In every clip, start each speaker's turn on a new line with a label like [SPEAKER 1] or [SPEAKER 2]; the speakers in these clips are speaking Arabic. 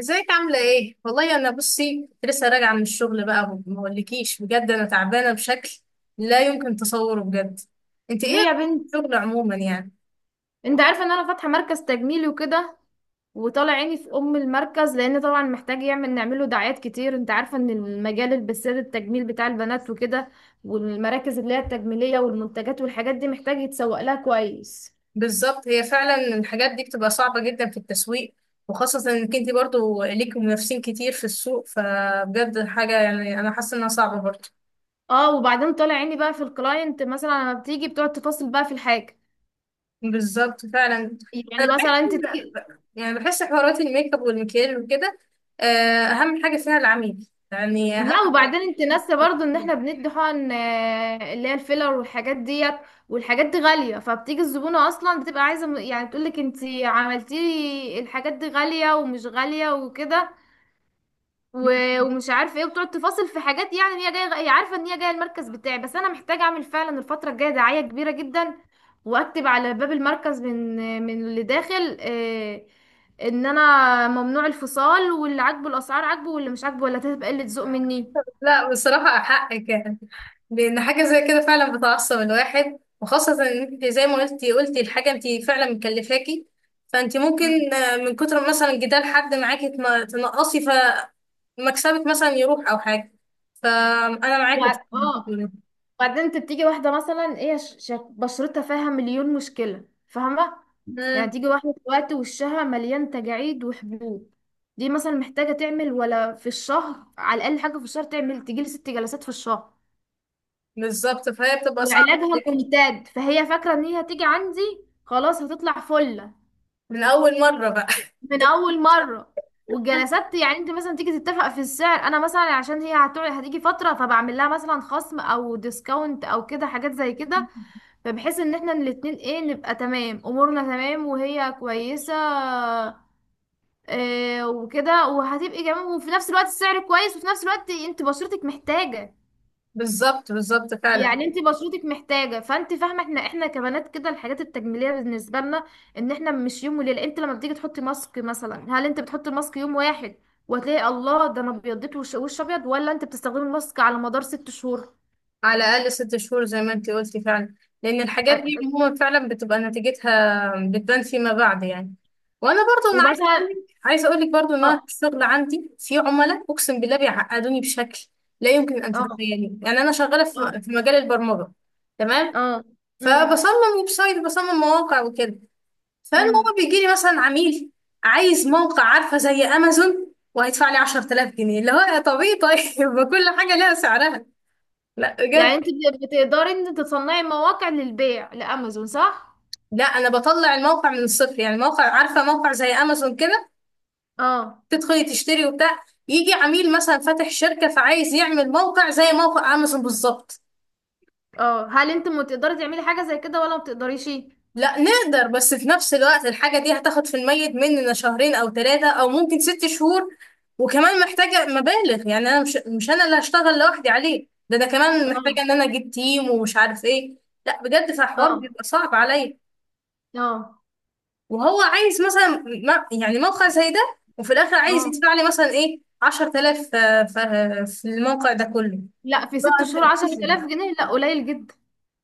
[SPEAKER 1] ازيك عاملة ايه؟ والله انا بصي، كنت لسه راجعة من الشغل. بقى ما اقولكيش بجد، انا تعبانة بشكل لا يمكن تصوره بجد. انت ايه
[SPEAKER 2] ليه
[SPEAKER 1] رأيك
[SPEAKER 2] يا بنت؟
[SPEAKER 1] في الشغل عموما يعني؟
[SPEAKER 2] انت عارفه ان انا فاتحه مركز تجميلي وكده، وطالع عيني في ام المركز لان طبعا محتاج يعمل نعمله دعايات كتير. انت عارفه ان المجال البساد التجميل بتاع البنات وكده، والمراكز اللي هي التجميليه والمنتجات والحاجات دي محتاج يتسوق لها كويس.
[SPEAKER 1] بالظبط، هي فعلا الحاجات دي بتبقى صعبة جدا في التسويق، وخاصة انك انت برضو ليك منافسين كتير في السوق. فبجد حاجة يعني انا حاسة انها صعبة برضو.
[SPEAKER 2] اه، وبعدين طالع عيني بقى في الكلاينت مثلا لما بتيجي بتقعد تفاصل بقى في الحاجه.
[SPEAKER 1] بالظبط فعلا.
[SPEAKER 2] يعني
[SPEAKER 1] انا بحس
[SPEAKER 2] مثلا انت،
[SPEAKER 1] يعني بحس حوارات الميك اب والمكياج وكده، آه، اهم حاجة فيها العميل يعني اهم
[SPEAKER 2] لا
[SPEAKER 1] حاجة.
[SPEAKER 2] وبعدين انت ناسه برضو ان احنا بندي حقن اللي هي الفيلر والحاجات ديت. والحاجات دي غالية، فبتيجي الزبونة اصلا بتبقى عايزة يعني بتقولك: انت عملتي لي الحاجات دي غالية ومش غالية وكده، ومش عارفة ايه، وبتقعد تفاصل في حاجات. يعني هي جاية، هي عارفة ان هي جاية المركز بتاعي. بس انا محتاجة اعمل فعلا الفترة الجاية دعاية كبيرة جدا، واكتب على باب المركز من من اللي داخل ان انا ممنوع الفصال، واللي عاجبه الاسعار عاجبه، واللي مش عاجبه ولا هتبقى قلة ذوق مني.
[SPEAKER 1] لا بصراحة حقك يعني. لأن حاجة زي كده فعلا بتعصب الواحد، وخاصة إن أنت زي ما قلتي الحاجة أنت فعلا مكلفاكي. فأنت ممكن، من كتر مثلا جدال حد معاكي تنقصي، فمكسبك مثلا يروح أو حاجة. فأنا معاكي في اللي أنت
[SPEAKER 2] اه،
[SPEAKER 1] بتقوليه.
[SPEAKER 2] وبعدين انت بتيجي واحده مثلا ايه، بشرتها فيها مليون مشكله، فاهمه؟ يعني
[SPEAKER 1] مم،
[SPEAKER 2] تيجي واحده دلوقتي وشها مليان تجاعيد وحبوب. دي مثلا محتاجه تعمل ولا في الشهر على الاقل حاجه، في الشهر تعمل، تجيلي 6 جلسات في الشهر.
[SPEAKER 1] بالظبط، فهي بتبقى صعبة
[SPEAKER 2] وعلاجها
[SPEAKER 1] عليكي.
[SPEAKER 2] ممتد، فهي فاكره ان هي هتيجي عندي، خلاص هتطلع فله
[SPEAKER 1] من أول مرة بقى.
[SPEAKER 2] من اول مره. والجلسات يعني انت مثلا تيجي تتفق في السعر. انا مثلا عشان هي هتقعد هتيجي فتره فبعمل لها مثلا خصم او ديسكاونت او كده حاجات زي كده، فبحيث ان احنا الاتنين ايه نبقى تمام، امورنا تمام وهي كويسة. إيه وكده وهتبقي جميل، وفي نفس الوقت السعر كويس، وفي نفس الوقت انت بشرتك محتاجة.
[SPEAKER 1] بالظبط، بالظبط فعلا.
[SPEAKER 2] يعني انت بشرتك محتاجة، فانت فاهمة احنا احنا كبنات كده الحاجات التجميلية بالنسبة لنا، ان احنا مش يوم وليلة. انت لما بتيجي تحطي ماسك مثلا، هل انت بتحطي الماسك يوم واحد وتلاقي الله ده انا ابيضت وش، وش ابيض، ولا انت بتستخدمي الماسك على مدار 6 شهور؟
[SPEAKER 1] على الأقل 6 شهور زي ما انتي قلتي فعلا. لأن الحاجات
[SPEAKER 2] أ-
[SPEAKER 1] دي عموما فعلا بتبقى نتيجتها بتبان فيما بعد يعني. وأنا برضو أنا عايزة
[SPEAKER 2] ومثلا،
[SPEAKER 1] أقولك عايزة أقولك برضو إن أنا
[SPEAKER 2] اه،
[SPEAKER 1] في الشغل عندي في عملاء أقسم بالله بيعقدوني بشكل لا يمكن أن
[SPEAKER 2] اه،
[SPEAKER 1] تتخيليه يعني. أنا شغالة
[SPEAKER 2] اه،
[SPEAKER 1] في مجال البرمجة.
[SPEAKER 2] اه،
[SPEAKER 1] تمام.
[SPEAKER 2] امم،
[SPEAKER 1] فبصمم ويب سايت، بصمم مواقع وكده. فالمهم
[SPEAKER 2] أمم.
[SPEAKER 1] بيجي لي مثلا عميل عايز موقع، عارفة زي أمازون، وهيدفع لي 10,000 جنيه اللي هو يا طبيعي طيب. ما كل حاجة لها سعرها. لا
[SPEAKER 2] يعني
[SPEAKER 1] بجد.
[SPEAKER 2] انت بتقدري ان انت تصنعي مواقع للبيع لامازون صح؟
[SPEAKER 1] لا، انا بطلع الموقع من الصفر يعني. موقع، عارفه، موقع زي امازون كده،
[SPEAKER 2] اه،
[SPEAKER 1] تدخلي تشتري وبتاع. يجي عميل مثلا فاتح شركه، فعايز يعمل موقع زي موقع امازون بالظبط.
[SPEAKER 2] اه، هل انت ما تقدري تعملي حاجه زي كده ولا ما بتقدريش؟
[SPEAKER 1] لا نقدر بس في نفس الوقت الحاجه دي هتاخد في الميت مننا شهرين او ثلاثه او ممكن 6 شهور. وكمان محتاجه مبالغ يعني. انا مش انا اللي هشتغل لوحدي عليه، ده انا كمان
[SPEAKER 2] اه،
[SPEAKER 1] محتاجه ان انا اجيب تيم ومش عارف ايه. لا بجد، فالحوار
[SPEAKER 2] اه،
[SPEAKER 1] بيبقى صعب عليا.
[SPEAKER 2] اه،
[SPEAKER 1] وهو عايز مثلا يعني موقع زي ده. وفي الاخر عايز
[SPEAKER 2] اه،
[SPEAKER 1] يدفع لي مثلا ايه 10,000 في الموقع ده كله.
[SPEAKER 2] لا، في
[SPEAKER 1] طب
[SPEAKER 2] ست شهور
[SPEAKER 1] انت.
[SPEAKER 2] عشر تلاف جنيه لا، قليل جدا.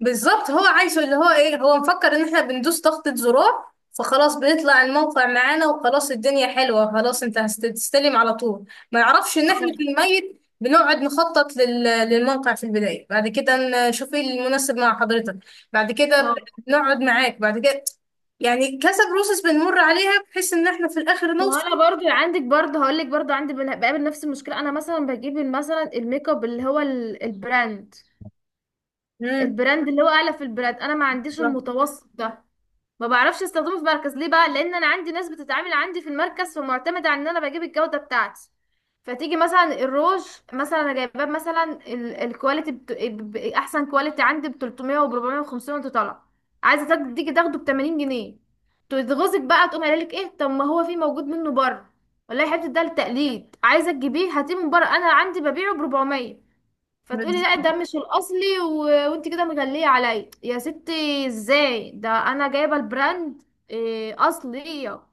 [SPEAKER 1] بالظبط، هو عايزه اللي هو ايه. هو مفكر ان احنا بندوس ضغطة زرار فخلاص بيطلع الموقع معانا، وخلاص الدنيا حلوة خلاص، انت هتستلم على طول. ما يعرفش ان احنا في
[SPEAKER 2] اه،
[SPEAKER 1] الميت بنقعد نخطط للموقع في البداية. بعد كده نشوف ايه المناسب مع حضرتك. بعد كده
[SPEAKER 2] اه.
[SPEAKER 1] بنقعد معاك. بعد كده يعني كذا بروسس بنمر عليها بحيث ان احنا في الاخر
[SPEAKER 2] ما هو
[SPEAKER 1] نوصل.
[SPEAKER 2] انا برضو عندك، برضو هقول لك، برضو عندي بقابل نفس المشكله. انا مثلا بجيب مثلا الميك اب اللي هو البراند،
[SPEAKER 1] امم
[SPEAKER 2] البراند اللي هو اعلى في البراند، انا ما عنديش المتوسط ده. ما بعرفش استخدمه في مركز. ليه بقى؟ لان انا عندي ناس بتتعامل عندي في المركز فمعتمده على ان انا بجيب الجوده بتاعتي. فتيجي مثلا الروج، مثلا انا جايباه مثلا الكواليتي احسن كواليتي، عندي ب 300 و 400 و500 وانت طالعه. عايزه تيجي تاخده ب 80 جنيه. تغزك بقى، تقوم قايله لك ايه؟ طب ما هو في موجود منه بره. والله يا حبيبتي ده للتقليد، عايزه تجيبيه هاتيه من بره، انا عندي ببيعه ب 400. فتقولي لا
[SPEAKER 1] بالظبط.
[SPEAKER 2] ده مش الاصلي وانت كده مغليه عليا يا ستي، ازاي ده انا جايبه البراند، إيه، اصليه.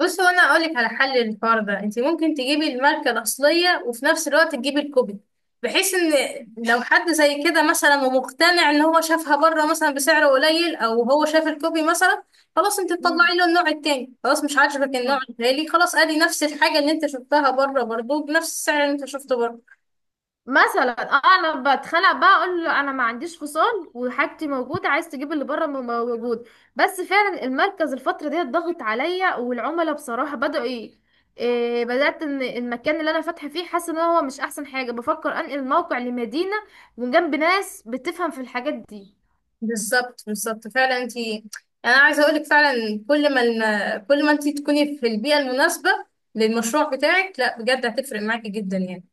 [SPEAKER 1] بص، هو انا اقول لك على حل للحوار ده. انت ممكن تجيبي الماركه الاصليه، وفي نفس الوقت تجيبي الكوبي. بحيث ان لو حد زي كده مثلا ومقتنع ان هو شافها بره مثلا بسعر قليل، او هو شاف الكوبي مثلا، خلاص انت
[SPEAKER 2] مم.
[SPEAKER 1] تطلعي له النوع التاني. خلاص مش عاجبك النوع
[SPEAKER 2] آه.
[SPEAKER 1] الغالي، خلاص ادي نفس الحاجه اللي انت شفتها بره برضه بنفس السعر اللي انت شفته بره.
[SPEAKER 2] مثلا انا بتخانق بقى اقول له انا ما عنديش فصال وحاجتي موجوده، عايز تجيب اللي بره موجود. بس فعلا المركز الفتره دي ضغط عليا، والعملاء بصراحه بداوا ايه، إيه، بدات ان المكان اللي انا فاتحه فيه حاسه ان هو مش احسن حاجه، بفكر انقل الموقع لمدينه وجنب ناس بتفهم في الحاجات دي.
[SPEAKER 1] بالظبط، بالظبط فعلا. انت، انا عايزه اقول لك فعلا كل ما كل ما انت تكوني في البيئه المناسبه للمشروع بتاعك، لا بجد هتفرق معاكي جدا يعني.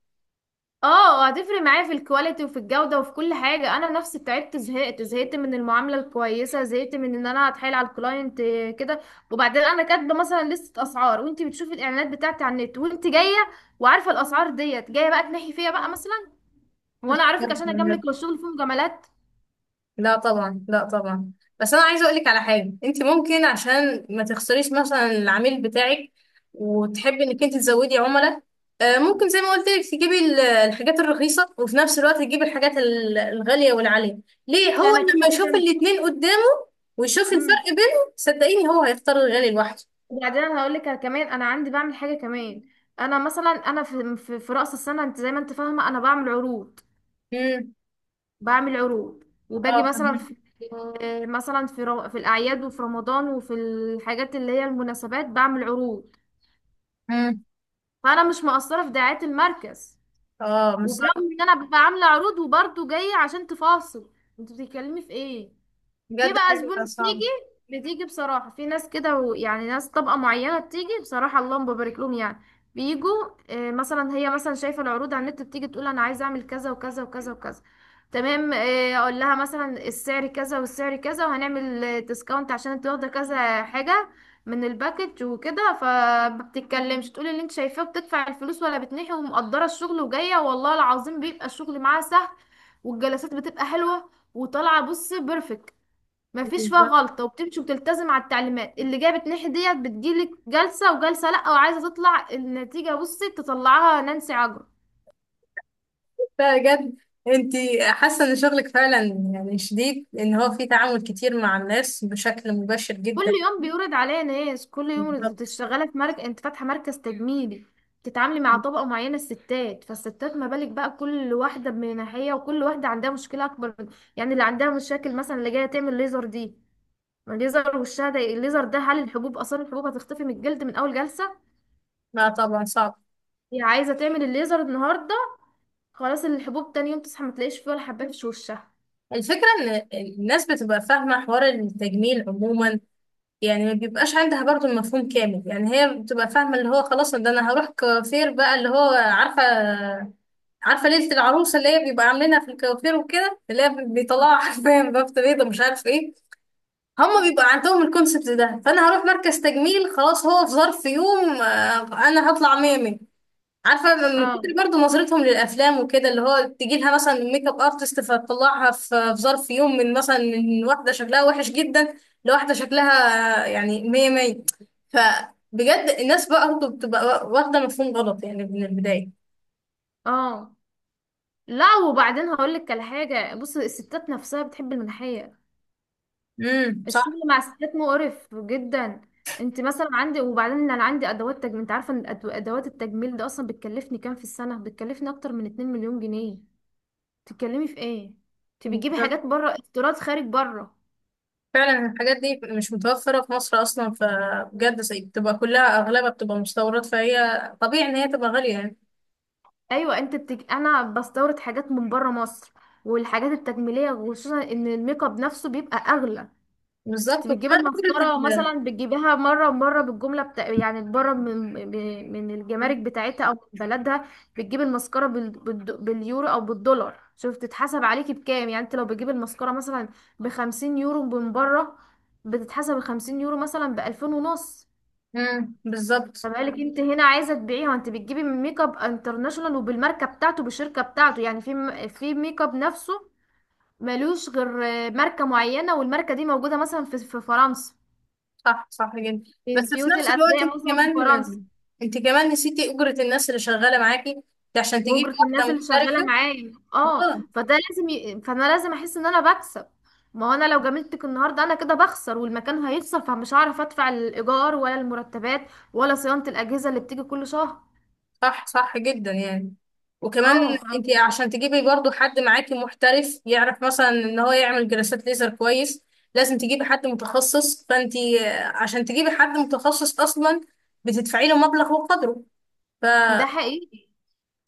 [SPEAKER 2] اه، هتفرق معايا في الكواليتي وفي الجودة وفي كل حاجة. انا نفسي تعبت، زهقت زهقت من المعاملة الكويسة، زهقت من ان انا اتحايل على الكلاينت كده. وبعدين انا كاتبة مثلا لستة اسعار وانت بتشوفي الاعلانات بتاعتي على النت وانت جاية وعارفة الاسعار ديت، جاية بقى تنحي فيا بقى مثلا، وانا اعرفك عشان
[SPEAKER 1] لا
[SPEAKER 2] اجاملك، والشغل فيه مجاملات.
[SPEAKER 1] طبعا، لا طبعا. بس انا عايزه اقول لك على حاجه. انت ممكن عشان ما تخسريش مثلا العميل بتاعك، وتحبي انك انت تزودي عملاء. ممكن زي ما قلت لك تجيبي الحاجات الرخيصه، وفي نفس الوقت تجيبي الحاجات الغاليه والعاليه. ليه؟
[SPEAKER 2] ده
[SPEAKER 1] هو
[SPEAKER 2] انا كده
[SPEAKER 1] لما يشوف
[SPEAKER 2] كده.
[SPEAKER 1] الاتنين قدامه ويشوف الفرق
[SPEAKER 2] مم.
[SPEAKER 1] بينهم، صدقيني هو هيختار الغالي لوحده.
[SPEAKER 2] وبعدين انا هقول لك كمان، انا عندي بعمل حاجة كمان. انا مثلا انا في رأس السنة انت زي ما انت فاهمة انا بعمل عروض.
[SPEAKER 1] امم.
[SPEAKER 2] بعمل عروض، وباجي
[SPEAKER 1] اه،
[SPEAKER 2] مثلا
[SPEAKER 1] فهمت.
[SPEAKER 2] في، مثلا في الاعياد وفي رمضان وفي الحاجات اللي هي المناسبات بعمل عروض.
[SPEAKER 1] امم.
[SPEAKER 2] فانا مش مقصره في دعايه المركز.
[SPEAKER 1] اه، مش صعب.
[SPEAKER 2] وبرغم ان انا ببقى عامله عروض، وبرضه جايه عشان تفاصل، انت بتتكلمي في ايه؟ في
[SPEAKER 1] بجد
[SPEAKER 2] بقى زبون
[SPEAKER 1] حاجه صعبه.
[SPEAKER 2] بتيجي، بتيجي بصراحة في ناس كده، ويعني ناس طبقة معينة بتيجي، بصراحة اللهم ببارك لهم يعني، بيجوا. مثلا هي مثلا شايفة العروض على النت، بتيجي تقول: أنا عايزة أعمل كذا وكذا وكذا وكذا. تمام، أقول لها مثلا السعر كذا والسعر كذا، وهنعمل ديسكاونت عشان انت واخدة كذا حاجة من الباكج وكده. فما بتتكلمش، تقول اللي انت شايفاه، بتدفع الفلوس، ولا بتنحي ومقدرة الشغل، وجاية والله العظيم بيبقى الشغل معاها سهل، والجلسات بتبقى حلوة وطالعة بص بيرفكت، مفيش فيها غلطة، وبتمشي وبتلتزم على التعليمات. اللي جابت ناحية ديت بتجيلك جلسة وجلسة لأ، وعايزة تطلع النتيجة، بصي تطلعها نانسي عجرم.
[SPEAKER 1] لا بجد. انت، حاسه ان شغلك فعلا يعني شديد، ان هو في تعامل كتير مع الناس بشكل مباشر
[SPEAKER 2] كل
[SPEAKER 1] جدا.
[SPEAKER 2] يوم بيورد عليا ناس. كل يوم انت
[SPEAKER 1] بالظبط.
[SPEAKER 2] شغالة في مركز، انت فاتحة مركز تجميلي، تتعاملي مع طبقة معينة الستات. فالستات ما بالك بقى كل واحدة من ناحية، وكل واحدة عندها مشكلة أكبر من، يعني اللي عندها مشاكل مثلا اللي جاية تعمل ليزر دي، ما الليزر وشها، ده الليزر ده هل الحبوب، آثار الحبوب هتختفي من الجلد من أول جلسة؟
[SPEAKER 1] لا طبعا صعب.
[SPEAKER 2] هي عايزة تعمل الليزر النهاردة، خلاص الحبوب تاني يوم تصحى ما تلاقيش فيه ولا حبات في وشها.
[SPEAKER 1] الفكره ان الناس بتبقى فاهمه حوار التجميل عموما يعني. ما بيبقاش عندها برضو المفهوم كامل يعني. هي بتبقى فاهمه اللي هو خلاص، ده انا هروح كوافير بقى، اللي هو عارفه ليله العروسه اللي هي بيبقى عاملينها في الكوافير وكده، اللي هي بيطلعوا حرفيا بفته بيضه مش عارف ايه. هما بيبقى عندهم الكونسبت ده. فانا هروح مركز تجميل خلاص، هو في ظرف يوم انا هطلع ميمي. عارفه من كتر
[SPEAKER 2] اه،
[SPEAKER 1] برضه نظرتهم للافلام وكده، اللي هو تجي لها مثلا ميك اب ارتست فتطلعها في ظرف يوم من مثلا من واحده شكلها وحش جدا لواحده شكلها، يعني مية مية. فبجد الناس بقى برضه بتبقى واخده مفهوم غلط يعني من البدايه.
[SPEAKER 2] اه، لا وبعدين هقول لك على حاجه. بص الستات نفسها بتحب المناحيه.
[SPEAKER 1] امم.
[SPEAKER 2] الشغل مع الستات مقرف جدا. انت مثلا عندي، وبعدين انا عندي ادوات تجميل. انت عارفه ان ادوات التجميل ده اصلا بتكلفني كام في السنه؟ بتكلفني اكتر من 2 مليون جنيه. تتكلمي في ايه؟ انت بتجيبي
[SPEAKER 1] صح،
[SPEAKER 2] حاجات بره، استيراد خارج بره.
[SPEAKER 1] فعلا الحاجات دي مش متوفرة في مصر أصلا. فبجد بتبقى كلها أغلبها بتبقى مستوردات، فهي طبيعي إن هي تبقى غالية يعني.
[SPEAKER 2] ايوه انت انا بستورد حاجات من بره مصر والحاجات التجميليه، وخصوصا ان الميك اب نفسه بيبقى اغلى. انت
[SPEAKER 1] بالظبط
[SPEAKER 2] بتجيبي
[SPEAKER 1] وكمان فكرة
[SPEAKER 2] المسطرة
[SPEAKER 1] إن
[SPEAKER 2] مثلا، بتجيبيها مرة مرة بالجملة بتاع يعني بره من الجمارك بتاعتها او من بلدها. بتجيبي المسكرة باليورو او بالدولار. شوف تتحسب عليكي بكام، يعني انت لو بتجيبي المسكرة مثلا بـ 50 يورو من بره، بتتحسب الـ 50 يورو مثلا بـ 2500.
[SPEAKER 1] بالظبط.
[SPEAKER 2] فبقالك انت هنا عايزة تبيعيها وانت بتجيبي من ميك اب انترناشونال وبالماركة بتاعته بالشركة بتاعته. يعني في في ميك اب نفسه ملوش غير ماركة معينة، والماركة دي موجودة مثلا في في فرنسا،
[SPEAKER 1] صح، صح جدا.
[SPEAKER 2] من
[SPEAKER 1] بس في
[SPEAKER 2] بيوت
[SPEAKER 1] نفس الوقت أنت
[SPEAKER 2] الأثرياء مثلا في فرنسا.
[SPEAKER 1] كمان أنت كمان نسيتي أجرة الناس اللي شغالة معاكي. ده عشان تجيبي
[SPEAKER 2] وأجرة الناس
[SPEAKER 1] واحدة
[SPEAKER 2] اللي شغالة
[SPEAKER 1] محترفة.
[SPEAKER 2] معايا، اه، فده لازم فأنا لازم أحس إن أنا بكسب. ما هو أنا لو جاملتك النهاردة أنا كده بخسر، والمكان هيخسر، فمش هعرف أدفع الإيجار، ولا المرتبات، ولا صيانة الأجهزة اللي بتيجي كل شهر.
[SPEAKER 1] صح، صح جدا يعني. وكمان
[SPEAKER 2] اه،
[SPEAKER 1] انت عشان تجيبي برضو حد معاكي محترف يعرف مثلا ان هو يعمل جلسات ليزر كويس، لازم تجيبي حد متخصص. فانت عشان تجيبي حد متخصص اصلا، بتدفعي له مبلغ وقدره. ف...
[SPEAKER 2] ده حقيقي.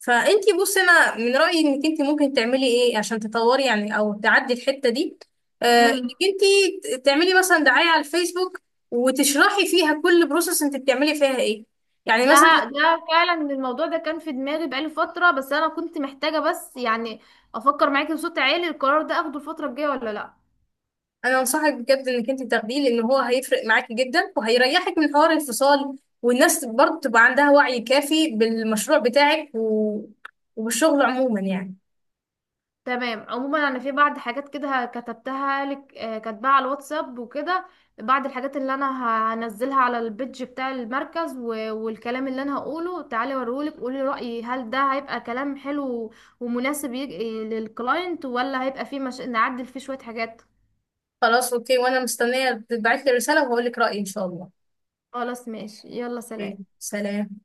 [SPEAKER 1] فانت بصي، انا من رأيي انك انت ممكن تعملي ايه عشان تطوري يعني، او تعدي الحتة دي.
[SPEAKER 2] مم.
[SPEAKER 1] انك انت تعملي مثلا دعاية على الفيسبوك، وتشرحي فيها كل بروسس انت بتعملي فيها ايه، يعني مثلا.
[SPEAKER 2] ده ده فعلا الموضوع ده كان في دماغي بقالي فترة، بس أنا كنت محتاجة بس يعني أفكر معاكي بصوت عالي: القرار ده أخده الفترة الجاية ولا لأ؟
[SPEAKER 1] انا انصحك بجد انك انت تاخديه، لان هو هيفرق معاكي جدا وهيريحك من حوار الفصال. والناس برضه تبقى عندها وعي كافي بالمشروع بتاعك وبالشغل عموما يعني.
[SPEAKER 2] تمام، عموما انا في بعض حاجات كده كتبتها لك، كاتباها على الواتساب وكده، بعض الحاجات اللي انا هنزلها على البيدج بتاع المركز والكلام اللي انا هقوله. تعالي اوريهولك قولي رأيي هل ده هيبقى كلام حلو ومناسب للكلاينت ولا هيبقى فيه مش... نعدل فيه شوية حاجات؟
[SPEAKER 1] خلاص اوكي. وانا مستنيه تبعت لي رساله وهقول لك رايي ان شاء الله.
[SPEAKER 2] خلاص ماشي، يلا
[SPEAKER 1] أوكي،
[SPEAKER 2] سلام.
[SPEAKER 1] سلام.